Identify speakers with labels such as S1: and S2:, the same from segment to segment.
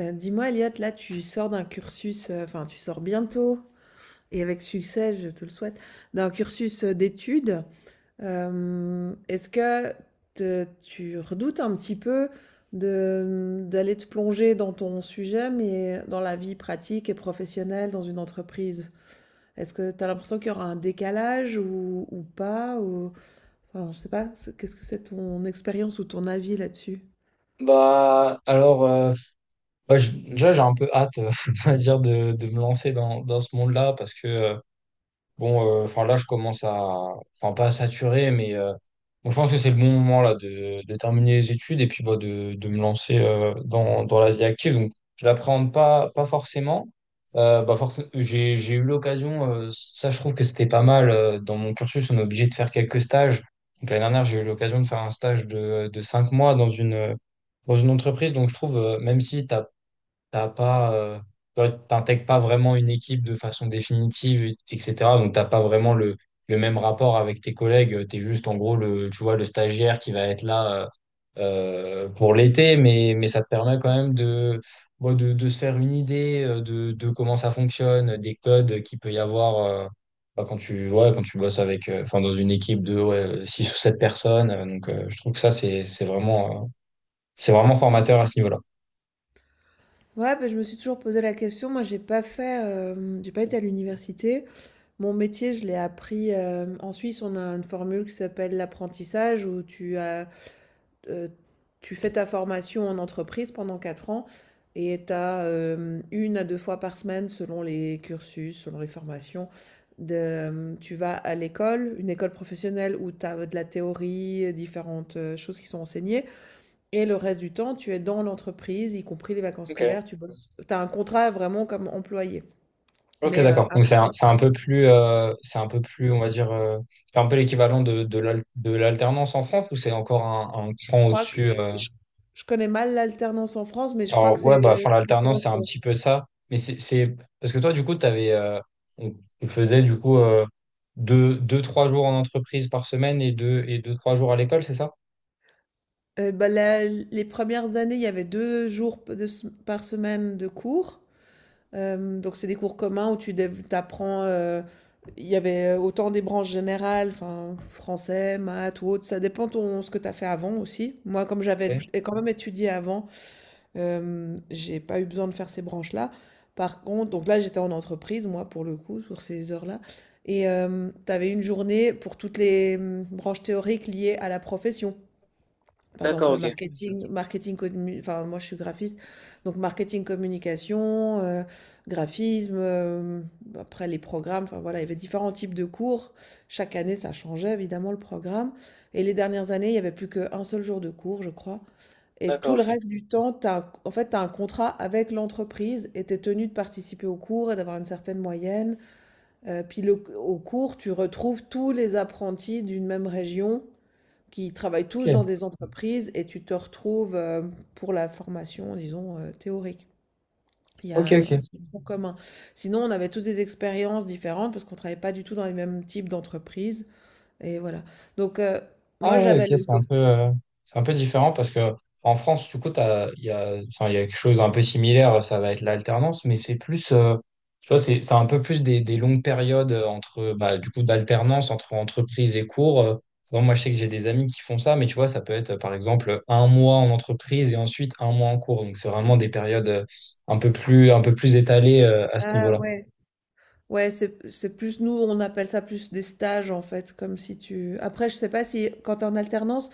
S1: Dis-moi, Elliot, là, tu sors d'un cursus, enfin, tu sors bientôt, et avec succès, je te le souhaite, d'un cursus d'études. Est-ce que tu redoutes un petit peu d'aller te plonger dans ton sujet, mais dans la vie pratique et professionnelle, dans une entreprise? Est-ce que tu as l'impression qu'il y aura un décalage ou pas, enfin, je sais pas, qu'est-ce que c'est ton expérience ou ton avis là-dessus?
S2: Bah alors bah, déjà j'ai un peu hâte on va dire de me lancer dans ce monde-là parce que bon, enfin là, je commence enfin pas à saturer, mais bon, je pense que c'est le bon moment là de terminer les études et puis bah, de me lancer dans la vie active. Donc, je l'appréhende pas, pas forcément. Bah, j'ai eu l'occasion, ça je trouve que c'était pas mal. Dans mon cursus, on est obligé de faire quelques stages. Donc l'année dernière, j'ai eu l'occasion de faire un stage de 5 mois dans une entreprise. Donc je trouve, même si tu t'as pas, ouais, t'intègres pas vraiment une équipe de façon définitive, etc. Donc, t'as pas vraiment le même rapport avec tes collègues. T'es juste, en gros, le, tu vois, le stagiaire qui va être là pour l'été, mais ça te permet quand même de se faire une idée de comment ça fonctionne, des codes qu'il peut y avoir bah, quand tu bosses avec, enfin, dans une équipe de 6 ou 7 personnes. Donc, je trouve que ça, c'est vraiment formateur à ce niveau-là.
S1: Ouais, bah, je me suis toujours posé la question. Moi, j'ai pas fait, j'ai pas été à l'université. Mon métier, je l'ai appris. En Suisse, on a une formule qui s'appelle l'apprentissage où euh, tu fais ta formation en entreprise pendant 4 ans et tu as une à deux fois par semaine, selon les cursus, selon les formations. Tu vas à l'école, une école professionnelle où tu as de la théorie, différentes choses qui sont enseignées. Et le reste du temps, tu es dans l'entreprise, y compris les vacances
S2: Ok.
S1: scolaires, tu Mmh. bosses. Tu as un contrat vraiment comme employé.
S2: Ok,
S1: Mais
S2: d'accord. Donc
S1: après,
S2: c'est un peu plus, on va dire, c'est un peu l'équivalent de l'alternance en France ou c'est encore un
S1: je
S2: cran
S1: crois que
S2: au-dessus.
S1: je je connais mal l'alternance en France, mais je crois
S2: Alors
S1: que
S2: ouais, bah,
S1: c'est
S2: enfin
S1: ça
S2: l'alternance c'est un
S1: correspond.
S2: petit peu ça, mais parce que toi du coup t'avais, on- tu faisais du coup deux, trois jours en entreprise par semaine et deux, trois jours à l'école, c'est ça?
S1: La les premières années, il y avait 2 jours p de s par semaine de cours. Donc c'est des cours communs où tu apprends, il y avait autant des branches générales, enfin français, maths ou autre, ça dépend de ce que tu as fait avant aussi. Moi, comme j'avais
S2: Ok.
S1: é quand même étudié avant, j'ai pas eu besoin de faire ces branches-là. Par contre donc là, j'étais en entreprise, moi, pour le coup, pour ces heures-là et tu avais une journée pour toutes les, mmh, branches théoriques liées à la profession. Par exemple, le marketing marketing commu enfin, moi, je suis graphiste, donc marketing, communication, graphisme, après les programmes, enfin, voilà, il y avait différents types de cours. Chaque année, ça changeait évidemment le programme et les dernières années, il y avait plus qu'un seul jour de cours, je crois, et
S2: D'accord,
S1: tout le
S2: ok.
S1: reste du temps, en fait, tu as un contrat avec l'entreprise et tu es tenu de participer au cours et d'avoir une certaine moyenne. Puis au cours, tu retrouves tous les apprentis d'une même région qui travaillent
S2: Ok,
S1: tous dans des entreprises et tu te retrouves pour la formation, disons, théorique. Il y a
S2: ok,
S1: un
S2: ok.
S1: Ce tronc commun. Sinon, on avait tous des expériences différentes parce qu'on ne travaillait pas du tout dans les mêmes types d'entreprises. Et voilà. Donc moi,
S2: Ah ouais,
S1: j'avais
S2: ok,
S1: le côté...
S2: c'est un peu différent parce que en France, du coup, enfin, il y a quelque chose d'un peu similaire, ça va être l'alternance, mais c'est plus, tu vois, c'est un peu plus des longues périodes entre, bah, du coup, d'alternance entre entreprise et cours. Bon, moi, je sais que j'ai des amis qui font ça, mais tu vois, ça peut être, par exemple, un mois en entreprise et ensuite un mois en cours. Donc, c'est vraiment des périodes un peu plus étalées, à ce
S1: Ah
S2: niveau-là.
S1: ouais, ouais, c'est plus nous, on appelle ça plus des stages en fait, comme si tu. Après, je sais pas si quand tu es en alternance,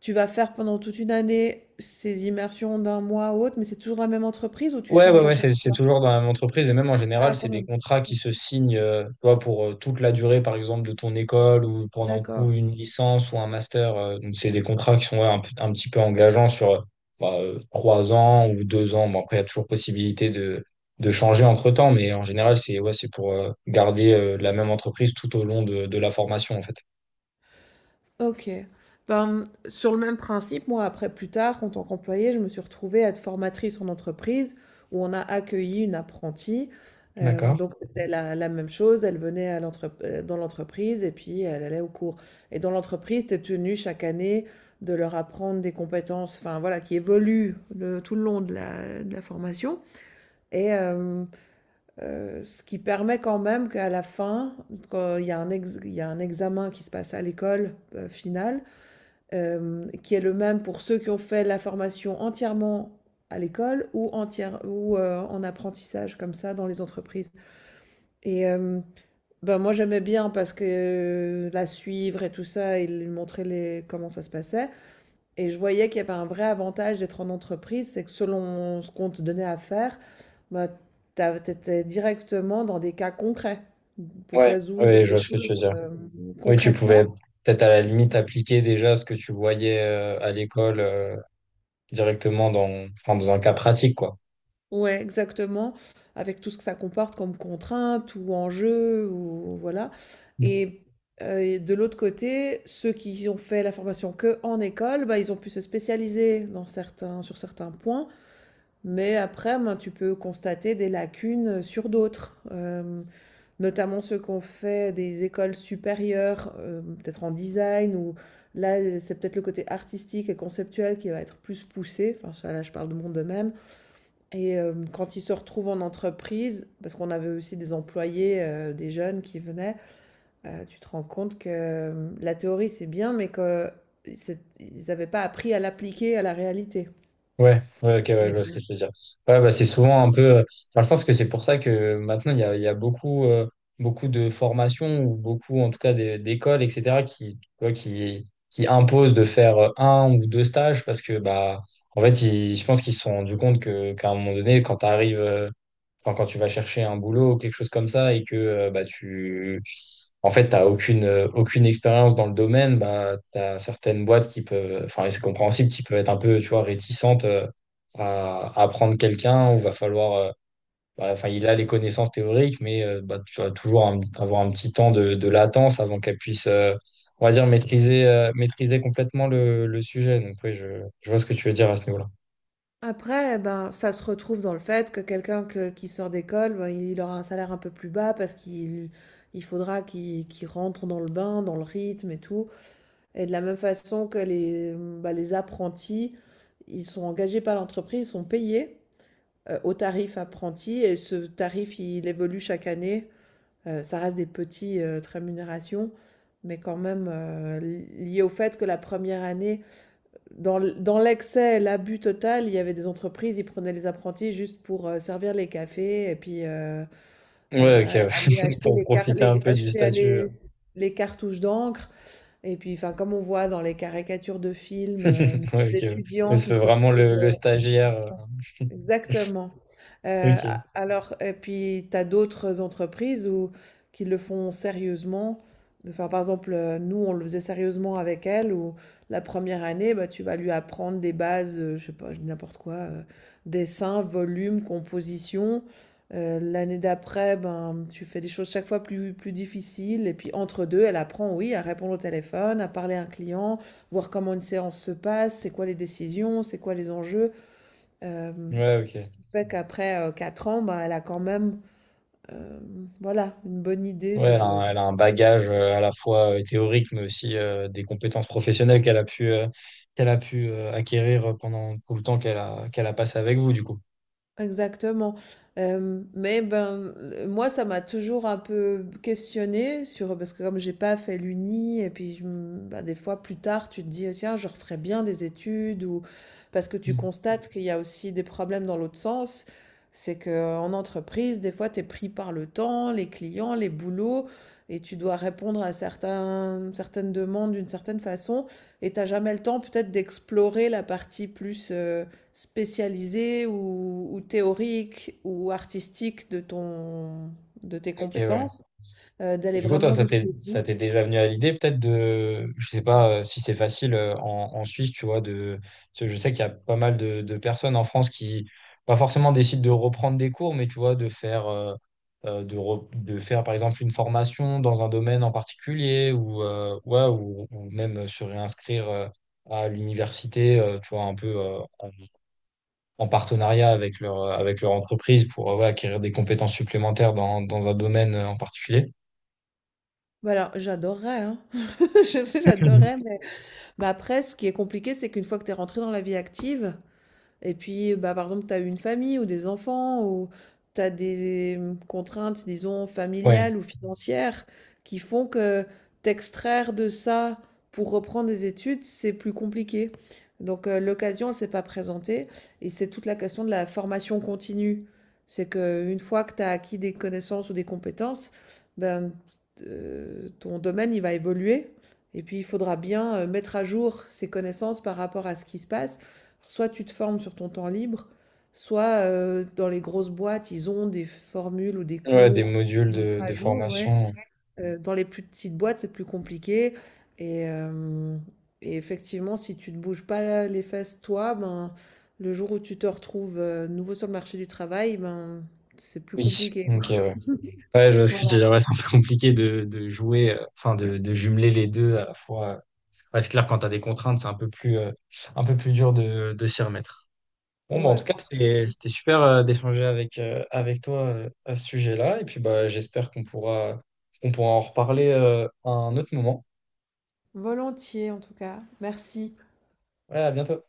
S1: tu vas faire pendant toute une année ces immersions d'un mois ou autre, mais c'est toujours la même entreprise ou tu
S2: Ouais, ouais,
S1: changes à
S2: ouais,
S1: chaque
S2: c'est
S1: fois?
S2: toujours dans la même entreprise et même en général,
S1: Ah,
S2: c'est
S1: quand
S2: des
S1: même.
S2: contrats qui se signent tu vois, pour toute la durée, par exemple, de ton école ou pendant tout
S1: D'accord.
S2: une licence ou un master. Donc, c'est des contrats qui sont ouais, un petit peu engageants sur 3 ans ou 2 ans. Bon, après, il y a toujours possibilité de changer entre-temps, mais en général, c'est ouais, c'est pour garder la même entreprise tout au long de la formation, en fait.
S1: OK. Ben, sur le même principe, moi, après, plus tard, en tant qu'employée, je me suis retrouvée à être formatrice en entreprise où on a accueilli une apprentie. Euh,
S2: D'accord.
S1: donc, c'était la même chose. Elle venait dans l'entreprise et puis elle allait au cours. Et dans l'entreprise, tu es tenu chaque année de leur apprendre des compétences, enfin voilà, qui évoluent tout le long de de la formation. Et ce qui permet quand même qu'à la fin, quand il y a un examen qui se passe à l'école finale, qui est le même pour ceux qui ont fait la formation entièrement à l'école ou en apprentissage comme ça dans les entreprises. Et euh, ben moi j'aimais bien parce que la suivre et tout ça, il lui montrait les, comment ça se passait. Et je voyais qu'il y avait un vrai avantage d'être en entreprise, c'est que selon ce qu'on te donnait à faire, ben, tu étais directement dans des cas concrets pour
S2: Ouais,
S1: résoudre
S2: ouais, je
S1: des
S2: vois ce que tu veux
S1: choses
S2: dire. Oui, tu pouvais
S1: concrètement.
S2: peut-être à la limite appliquer déjà ce que tu voyais à l'école. Directement enfin, dans un cas pratique, quoi.
S1: Ouais, exactement, avec tout ce que ça comporte comme contraintes ou enjeux ou voilà.
S2: Mm.
S1: Et, et de l'autre côté, ceux qui ont fait la formation que en école, bah, ils ont pu se spécialiser dans certains sur certains points, mais après, ben, tu peux constater des lacunes sur d'autres, notamment ceux qui ont fait des écoles supérieures, peut-être en design ou là, c'est peut-être le côté artistique et conceptuel qui va être plus poussé, enfin ça là, je parle de mon domaine. Et quand ils se retrouvent en entreprise, parce qu'on avait aussi des employés, des jeunes qui venaient, tu te rends compte que, la théorie c'est bien, mais qu'ils n'avaient pas appris à l'appliquer à la réalité.
S2: Ouais, ouais, ok, ouais, je
S1: Et
S2: vois ce que tu veux dire. Ouais, bah, c'est souvent un peu. Enfin, je pense que c'est pour ça que maintenant, il y a beaucoup, beaucoup de formations ou beaucoup, en tout cas, d'écoles, etc., qui, tu vois, qui imposent de faire un ou deux stages parce que, bah, en fait, je pense qu'ils se sont rendus compte que, qu'à un moment donné, quand tu arrives. Enfin, quand tu vas chercher un boulot ou quelque chose comme ça et que bah, en fait, tu n'as aucune, aucune expérience dans le domaine, bah, tu as certaines boîtes qui peuvent, enfin, et c'est compréhensible, qui peuvent être un peu, tu vois, réticentes à prendre quelqu'un où va falloir, bah, enfin, il a les connaissances théoriques, mais bah, tu vas toujours avoir un petit temps de latence avant qu'elle puisse, on va dire, maîtriser complètement le sujet. Donc, oui, je vois ce que tu veux dire à ce niveau-là.
S1: Après, eh ben, ça se retrouve dans le fait que quelqu'un que qui sort d'école, ben, il aura un salaire un peu plus bas parce qu'il il faudra qu'il rentre dans le bain, dans le rythme et tout. Et de la même façon que les, mmh, bah, les apprentis, ils sont engagés par l'entreprise, ils sont payés au tarif apprenti et ce tarif, il évolue chaque année. Ça reste des petites rémunérations, mais quand même, lié au fait que la première année, dans l'excès, l'abus total, il y avait des entreprises, ils prenaient les apprentis juste pour servir les cafés et puis, heu,
S2: Ouais, ok, ouais.
S1: aller acheter
S2: Pour
S1: les car
S2: profiter un
S1: les
S2: peu du
S1: acheter
S2: statut.
S1: aller les cartouches d'encre et puis, enfin, comme on voit dans les caricatures de films,
S2: Ouais, ok. Ouais. Mais
S1: d'étudiants qui
S2: c'est
S1: se
S2: vraiment
S1: retrouvent,
S2: le
S1: heu.
S2: stagiaire.
S1: Exactement. Heu, a
S2: Ok.
S1: Alors et puis tu as d'autres entreprises où qui le font sérieusement. Enfin, par exemple, nous, on le faisait sérieusement avec elle où la première année, bah, tu vas lui apprendre des bases, je sais pas, je dis n'importe quoi, dessin, volume, composition. L'année d'après, ben, tu fais des choses chaque fois plus difficiles et puis entre 2 elle apprend, oui, à répondre au téléphone, à parler à un client, voir comment une séance se passe, c'est quoi les décisions, c'est quoi les enjeux. Hem,
S2: Ouais, ok.
S1: Ce qui fait qu'après, 4 ans, ben, elle a quand même, voilà, une bonne idée
S2: Ouais,
S1: de.
S2: elle a un bagage à la fois théorique, mais aussi des compétences professionnelles qu'elle a pu acquérir pendant tout le temps qu'elle a passé avec vous, du coup.
S1: Exactement, mais ben, moi ça m'a toujours un peu questionnée sur parce que comme j'ai pas fait l'Uni et puis je m bah, des fois plus tard tu te dis: ah, «Tiens je referais bien des études» ou parce que tu Mmh.
S2: Mm.
S1: constates qu'il y a aussi des problèmes dans l'autre sens. C'est que en entreprise, des fois tu es pris par le temps, les clients, les boulots et tu dois répondre à certains certaines demandes d'une certaine façon et t'as jamais le temps peut-être d'explorer la partie plus, spécialisée ou théorique ou artistique de de tes
S2: Ok, ouais.
S1: compétences,
S2: Et
S1: d'aller
S2: du coup, toi,
S1: vraiment jusqu'au
S2: ça
S1: bout.
S2: t'est déjà venu à l'idée peut-être de, je sais pas si c'est facile en Suisse, tu vois, de, parce que je sais qu'il y a pas mal de personnes en France qui, pas forcément décident de reprendre des cours, mais tu vois, de faire par exemple une formation dans un domaine en particulier ou, ouais, ou même se réinscrire à l'université, tu vois, un peu en partenariat avec avec leur entreprise pour ouais, acquérir des compétences supplémentaires dans un domaine en particulier.
S1: Voilà, j'adorerais, hein. Je sais,
S2: Mhm.
S1: j'adorerais, mais après, ce qui est compliqué, c'est qu'une fois que tu es rentré dans la vie active, et puis, bah, par exemple, tu as une famille ou des enfants ou tu as des contraintes, disons,
S2: Ouais.
S1: familiales ou financières qui font que t'extraire de ça pour reprendre des études, c'est plus compliqué. Donc, l'occasion, elle s'est pas présentée et c'est toute la question de la formation continue. C'est que une fois que tu as acquis des connaissances ou des compétences, ben, ton domaine, il va évoluer. Et puis, il faudra bien mettre à jour ses connaissances par rapport à ce qui se passe. Soit tu te formes sur ton temps libre, soit dans les grosses boîtes, ils ont des formules ou des
S2: Ouais, des
S1: cours
S2: modules
S1: à mettre à
S2: de
S1: jour, ouais.
S2: formation.
S1: Dans les plus petites boîtes, c'est plus compliqué. Et, euh, et effectivement, si tu ne te bouges pas les fesses, toi, ben, le jour où tu te retrouves nouveau sur le marché du travail, ben, c'est plus
S2: Oui,
S1: compliqué.
S2: ok, ouais. Ouais, je vois ce que tu veux
S1: Voilà.
S2: dire. Ouais, c'est un peu compliqué de jouer, enfin, de jumeler les deux à la fois. Ouais, c'est clair, quand t'as des contraintes, c'est un peu plus dur de s'y remettre. Bon, bah, en
S1: Ouais.
S2: tout cas, c'était super, d'échanger avec toi, à ce sujet-là. Et puis, bah, j'espère qu'on pourra en reparler, à un autre moment.
S1: Volontiers, en tout cas. Merci.
S2: Ouais, à bientôt.